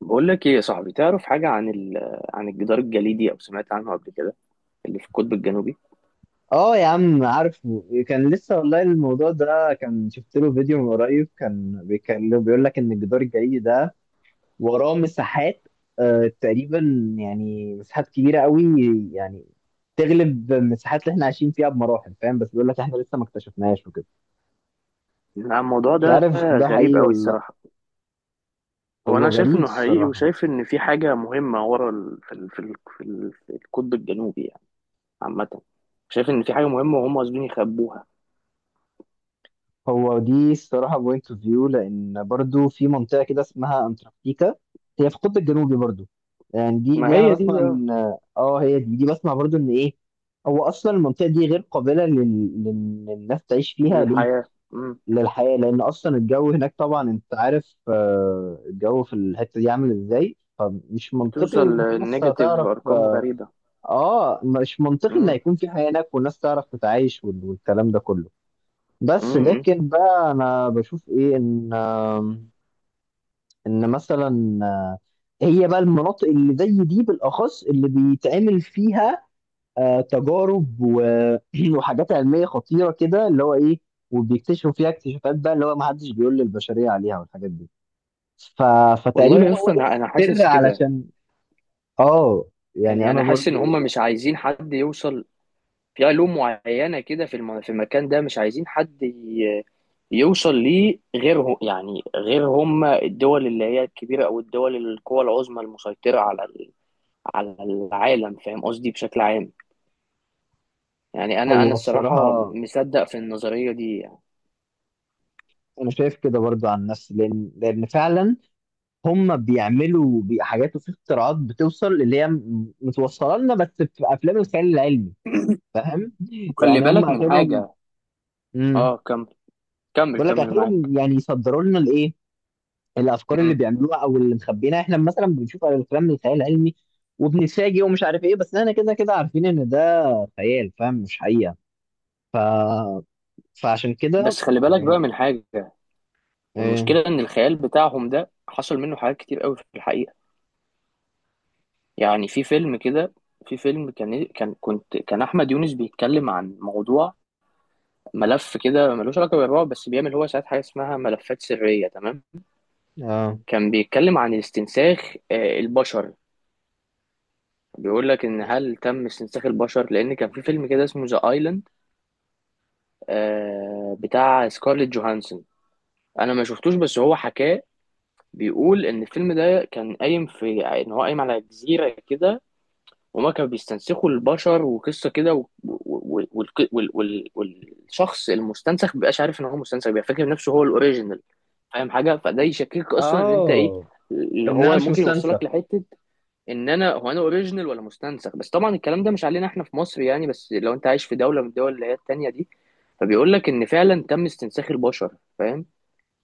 بقول لك ايه يا صاحبي؟ تعرف حاجة عن عن الجدار الجليدي او سمعت عنه قبل كده اللي في القطب الجنوبي؟ اه يا عم، عارفه. كان لسه والله الموضوع ده، كان شفت له فيديو من قريب كان بيتكلم، بيقول لك ان الجدار الجليدي ده وراه مساحات، تقريبا، يعني مساحات كبيره قوي، يعني تغلب المساحات اللي احنا عايشين فيها بمراحل، فاهم؟ بس بيقول لك احنا لسه ما اكتشفناهاش وكده. لا، الموضوع مش ده عارف ده غريب حقيقي قوي ولا لا. الصراحة. هو هو انا شايف غريب انه حقيقي الصراحه. وشايف ان في حاجة مهمة ورا في القطب الجنوبي يعني عامة. شايف ان في حاجة مهمة وهم قاصدين يخبوها. هو دي الصراحة بوينت اوف فيو، لأن برضو في منطقة كده اسمها أنتاركتيكا، هي في القطب الجنوبي برضو. يعني دي ما دي أنا هي بسمع دي إن... آه، هي دي بسمع برضو إن إيه، هو أصلا المنطقة دي غير قابلة للناس تعيش فيها، ليه؟ الحياة. مم. للحياة، لأن أصلا الجو هناك، طبعا أنت عارف، الجو في الحتة دي عامل إزاي، فمش منطقي بتوصل إن في ناس لنيجاتيف هتعرف ارقام غريبة. مش منطقي إن مم. هيكون في حياة هناك والناس تعرف تتعايش، والكلام ده كله. مم. بس مم. لكن بقى انا بشوف ايه، ان مثلا هي بقى المناطق اللي زي دي بالاخص اللي بيتعمل فيها تجارب وحاجات علميه خطيره كده، اللي هو ايه، وبيكتشفوا فيها اكتشافات بقى اللي هو ما حدش بيقول للبشريه عليها والحاجات دي. ف... فتقريبا والله هو اصلا ده انا السر حاسس كده. علشان. اه، يعني يعني انا انا حاسس ان برضو هم ايه، مش عايزين حد يوصل في علوم معينة كده في في المكان ده، مش عايزين حد يوصل ليه غيرهم يعني، غير هم الدول اللي هي الكبيرة، أو الدول القوى العظمى المسيطرة على على العالم، فاهم قصدي؟ بشكل عام يعني. أنا هو الصراحة الصراحه مصدق في النظرية دي يعني. انا شايف كده برضو عن نفسي، لان فعلا هم بيعملوا حاجات وفي اختراعات بتوصل اللي هي متوصله لنا بس في افلام الخيال العلمي، فاهم؟ وخلي يعني هم بالك من اخرهم. حاجة. امم اه، كمل. كمل بقول لك كمل معاك. اخرهم يعني يصدروا لنا الايه، الافكار اللي مم. بيعملوها او اللي مخبينها. احنا مثلا بنشوف افلام الخيال العلمي وبنتفاجئ ومش عارف ايه، بس احنا كده كده عارفين ان ده خيال، فاهم؟ مش حقيقه. ف... فعشان كده بس خلي بالك بقى يعني. من حاجة. ايه. المشكلة إن الخيال بتاعهم ده حصل منه حاجات كتير قوي في الحقيقة. يعني في فيلم كده، في فيلم كان إيه، كان احمد يونس بيتكلم عن موضوع، ملف كده ملوش علاقه بالرعب، بس بيعمل هو ساعات حاجه اسمها ملفات سريه، تمام؟ اه كان بيتكلم عن استنساخ البشر. بيقول لك ان هل تم استنساخ البشر؟ لان كان في فيلم كده اسمه ذا ايلاند بتاع سكارليت جوهانسون، انا ما شفتوش بس هو حكاه. بيقول ان الفيلم ده كان قايم في، يعني ان هو قايم على جزيره كده، وما كانوا بيستنسخوا البشر وقصه كده و... و... و... والك- وال... وال... والشخص المستنسخ مبيبقاش عارف ان هو مستنسخ، بيبقى فاكر نفسه هو الاوريجينال. فاهم حاجه؟ فده يشكك اصلا ان انت ايه اه اللي ان انا هو مش ممكن يوصلك مستنسخ. لحته، ان انا هو انا اوريجينال ولا مستنسخ. بس طبعا الكلام ده مش علينا احنا في مصر يعني، بس لو انت عايش في دوله من الدول اللي هي التانيه دي، فبيقول لك ان فعلا تم استنساخ البشر، فاهم؟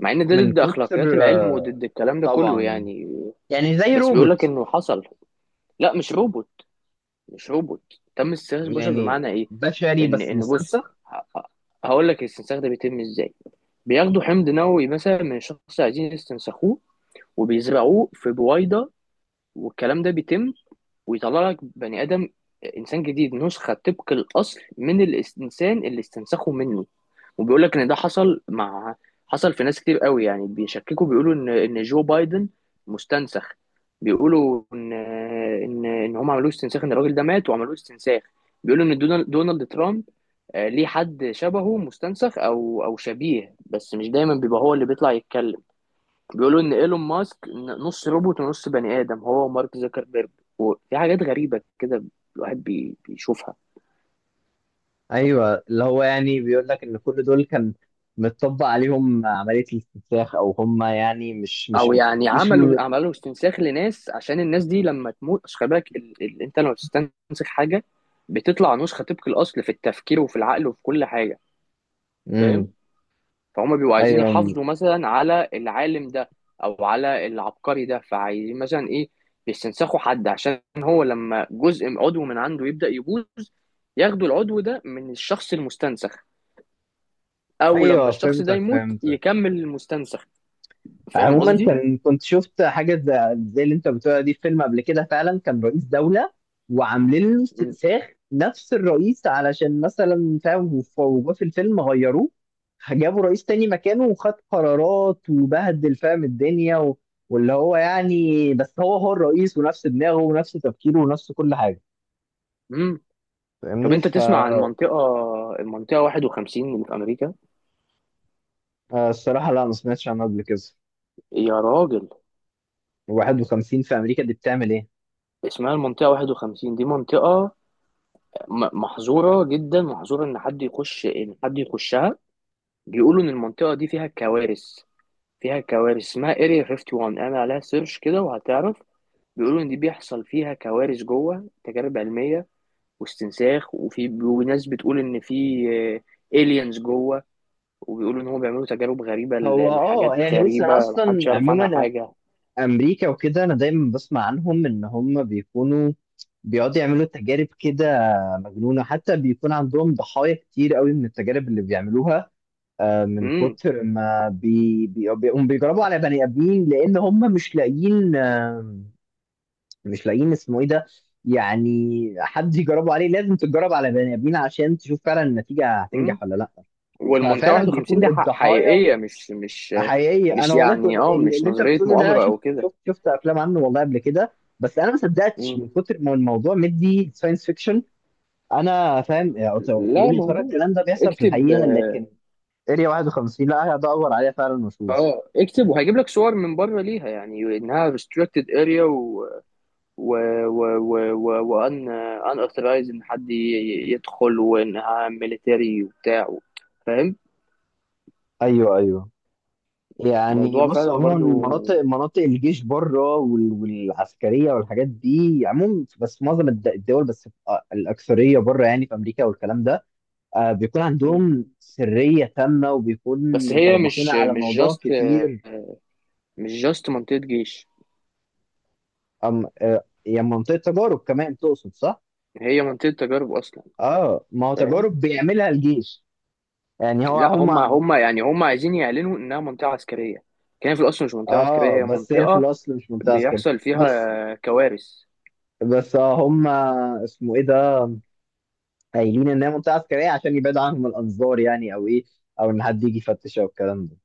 مع ان ده من ضد اخلاقيات كتر العلم وضد الكلام ده كله طبعا. يعني. يعني زي بس بيقول لك روبوت. انه حصل. لا مش روبوت. مش روبوت. تم استخدام البشر، يعني بمعنى ايه؟ بشري ان بس ان بص مستنسخ. هقول لك الاستنساخ ده بيتم ازاي. بياخدوا حمض نووي مثلا من شخص عايزين يستنسخوه، وبيزرعوه في بويضة، والكلام ده بيتم، ويطلع لك بني آدم، إنسان جديد نسخة طبق الأصل من الإنسان اللي استنسخه منه. وبيقول لك إن ده حصل مع، حصل في ناس كتير قوي يعني بيشككوا، بيقولوا إن جو بايدن مستنسخ. بيقولوا إن إن هم عملوه استنساخ، إن الراجل ده مات وعملوه استنساخ. بيقولوا إن دونالد ترامب ليه حد شبهه مستنسخ أو شبيه، بس مش دايما بيبقى هو اللي بيطلع يتكلم. بيقولوا ان ايلون ماسك نص روبوت ونص بني ادم، هو ومارك زكربيرج، وفي حاجات غريبه كده الواحد بيشوفها. ايوه، اللي هو يعني بيقول لك ان كل دول كان متطبق عليهم عمليه الاستنساخ، او هم يعني مش او مش يعني مش م... عملوا استنساخ لناس عشان الناس دي لما تموت، أصل خلي بالك انت لما بتستنسخ حاجه بتطلع نسخه طبق الاصل في التفكير وفي العقل وفي كل حاجه، فاهم؟ مم. فهم بيبقوا عايزين ايوه يحافظوا مثلا على العالم ده او على العبقري ده، فعايزين مثلا ايه؟ يستنسخوا حد عشان هو لما جزء عضو من عنده يبدا يبوظ ياخدوا العضو ده من الشخص المستنسخ، او لما ايوه، الشخص ده فهمتك يموت فهمتك. يكمل المستنسخ، فاهم عموما قصدي؟ كنت شفت حاجه زي اللي انت بتقولها دي في فيلم قبل كده، فعلا كان رئيس دوله وعاملين له مم. استنساخ نفس الرئيس علشان مثلا، فاهم؟ وجوه في الفيلم غيروه، جابوا رئيس تاني مكانه وخد قرارات وبهدل فاهم الدنيا و... واللي هو يعني، بس هو هو الرئيس ونفس دماغه ونفس تفكيره ونفس كل حاجه، مم. طب فاهمني؟ انت تسمع عن المنطقة، المنطقة 51 اللي في امريكا؟ فالصراحه لا، ما سمعتش عنه قبل كده. يا راجل، 51 في امريكا دي بتعمل ايه؟ اسمها المنطقة 51، دي منطقة محظورة جدا، محظورة ان حد يخش، ان حد يخشها. بيقولوا ان المنطقة دي فيها كوارث، فيها كوارث، اسمها اريا 51، اعمل عليها سيرش كده وهتعرف. بيقولوا ان دي بيحصل فيها كوارث جوه، تجارب علمية واستنساخ، وفي وناس بتقول ان في الينز جوه، وبيقولوا ان هم بيعملوا تجارب غريبه هو اه، لحاجات يعني بص، انا غريبه اصلا محدش يعرف عنها عموما حاجه. امريكا وكده انا دايما بسمع عنهم ان هم بيكونوا بيقعدوا يعملوا تجارب كده مجنونه، حتى بيكون عندهم ضحايا كتير قوي من التجارب اللي بيعملوها. من امم كتر ما بيقوموا بيجربوا على بني ادمين، لان هم مش لاقيين مش لاقيين اسمه ايه ده، يعني حد يجربوا عليه. لازم تتجرب على بني ادمين عشان تشوف فعلا النتيجه امم هتنجح ولا لا. والمنطقه ففعلا 51 بيكون دي الضحايا حقيقيه، حقيقي. مش انا والله كنت، يعني، اه اللي مش اللي انت نظريه بتقوله ده، مؤامره او كده. شفت افلام عنه والله قبل كده، بس انا ما صدقتش مم. من كتر ما الموضوع مدي ساينس فيكشن. انا فاهم يعني، قلت لا بقول يا ترى موجود، الكلام ده بيحصل في اكتب. الحقيقه لكن. اريا 51، لا هقعد ادور عليها فعلا واشوف. اه، اكتب وهيجيب لك صور من بره ليها يعني انها restricted area، و و و و وان، اوثرايز ان حد يدخل، وانها ميليتري وبتاع، فاهم؟ ايوه ايوه، يعني موضوع بص فعلا عموما، برضو. مناطق الجيش بره والعسكريه والحاجات دي عموما، بس معظم الدول، بس الاكثريه بره يعني، في امريكا والكلام ده بيكون م. عندهم سرية تامة، وبيكون بس هي متربطين مش على مش موضوع جاست، كتير. مش جاست منطقة جيش، أم يعني منطقة تجارب كمان، تقصد، صح؟ هي منطقة تجارب أصلا، اه، ما هو فاهم؟ تجارب بيعملها الجيش، يعني هو لا هم. هم يعني هم عايزين يعلنوا إنها منطقة عسكرية، كان في الأصل مش منطقة عسكرية، اه، هي بس هي في منطقة الأصل مش منطقة عسكرية. بيحصل بس فيها كوارث. بس اه هم، اسمه ايه ده، قايلين انها منطقة عسكرية عشان يبعد عنهم الأنظار يعني، او ايه، او ان حد يجي يفتش او الكلام ده.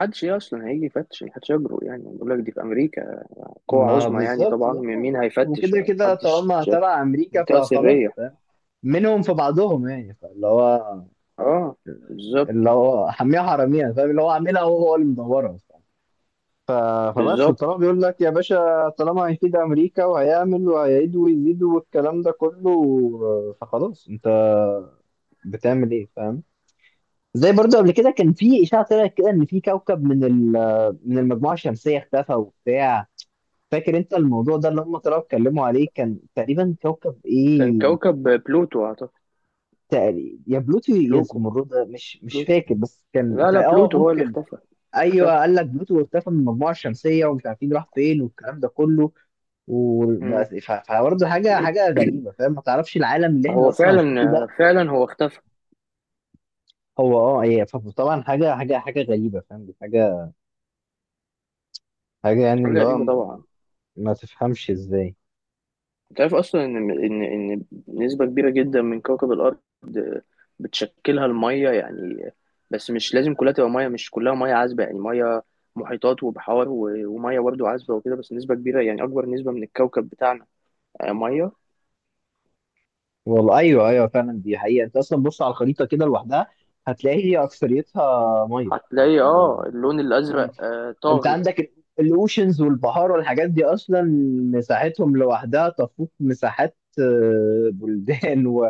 محدش إيه أصلا هيجي يفتش؟ محدش يجرؤ يعني، بقول لك دي في أمريكا، قوة ما عظمى يعني بالظبط طبعا، بقى. مين هيفتش وكده يعني؟ كده محدش. طالما تبع امريكا منطقة فخلاص، سرية. فاهم؟ منهم في بعضهم يعني، فاللي هو اه، بالظبط. اللي هو حميها حراميها، فاهم؟ اللي هو عاملها هو هو اللي مدورها. ف- فبس، بالظبط. طالما بيقول لك يا باشا، طالما هيفيد امريكا وهيعمل وهيعيد ويزيد والكلام ده كله، فخلاص انت بتعمل ايه، فاهم؟ زي برضو قبل كده كان في اشاعه طلعت كده ان في كوكب من من المجموعه الشمسيه اختفى وبتاع. فاكر انت الموضوع ده اللي هم طلعوا اتكلموا عليه؟ كان تقريبا كوكب كان ايه، كوكب بلوتو اعتقد. تقريبا يا بلوتو يا بلوكو، زمرد، مش بلوتو. فاكر بس كان لا لا، اه بلوتو هو اللي ممكن. اختفى. ايوه اختفى. قال لك بلوتو اختفى من المجموعه الشمسيه ومش عارفين راح فين والكلام ده كله. مم. وبس، فبرضه حاجه حاجه غريبه، فاهم؟ ما تعرفش العالم اللي احنا هو اصلا عايشين فعلا، فيه ده. فعلا هو اختفى. هو اه ايه، فطبعا حاجه غريبه، فاهم؟ دي حاجه، حاجه يعني، حاجة اللي هو غريبة ما, طبعا. ما ما تفهمش ازاي. انت عارف اصلا ان ان نسبه كبيره جدا من كوكب الارض بتشكلها الميه يعني، بس مش لازم كلها تبقى ميه، مش كلها ميه عذبه، يعني ميه محيطات وبحار وميه برضه عذبه وكده، بس نسبه كبيره يعني اكبر نسبه من الكوكب بتاعنا ميه. والله ايوه ايوه فعلا، دي حقيقه. انت اصلا بص على الخريطه كده لوحدها، هتلاقي هي اكثريتها ميه. هتلاقي اللون يعني الازرق انت طاغي. عندك الاوشنز والبحار والحاجات دي، اصلا مساحتهم لوحدها تفوق مساحات بلدان و...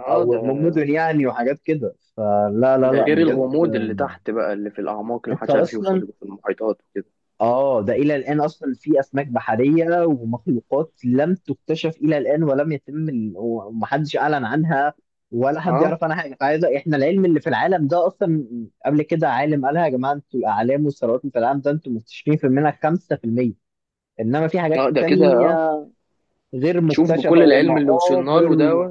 اه او ده مدن يعني، وحاجات كده. فلا لا ده لا غير بجد، الغموض اللي تحت بقى اللي في الاعماق اللي انت محدش عارف يوصل اصلا له في المحيطات وكده. اه، ده الى الان اصلا في اسماك بحريه ومخلوقات لم تكتشف الى الان، ولم يتم ومحدش اعلن عنها ولا حد اه يعرف عنها حاجه. فعايزه احنا العلم اللي في العالم ده اصلا، قبل كده عالم قالها يا جماعه، انتوا الاعلام والثروات اللي في العالم ده انتوا مكتشفين في منها 5%، انما في حاجات اه، ده كده اه. تانية غير شوف مكتشفة، بكل العلم اللي وصلنا ومقابر له ده. و...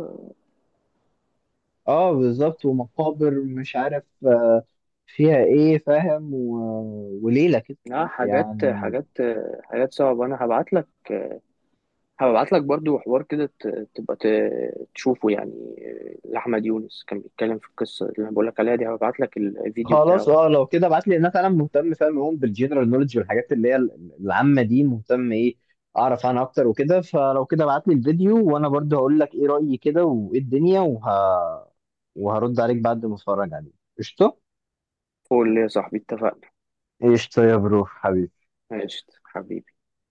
اه بالظبط، ومقابر مش عارف فيها ايه، فاهم؟ و... وليلة كده لا حاجات، يعني. حاجات صعبة. أنا هبعت لك، هبعت لك برضو حوار كده تبقى تشوفه يعني، لأحمد يونس كان بيتكلم في القصة اللي أنا بقولك عليها دي، هبعت لك الفيديو خلاص، بتاعه. اه لو كده ابعت لي، لان انا فعلا مهتم، فاهم؟ أوي بالجنرال نولج والحاجات اللي هي العامة دي، مهتم ايه اعرف عنها اكتر وكده. فلو كده ابعت لي الفيديو وانا برضه هقول لك ايه رأيي كده وايه الدنيا وهرد عليك بعد ما اتفرج عليه. قشطة. قول لي يا صاحبي، اتفقنا؟ قشطة يا برو حبيبي. ماشي حبيبي.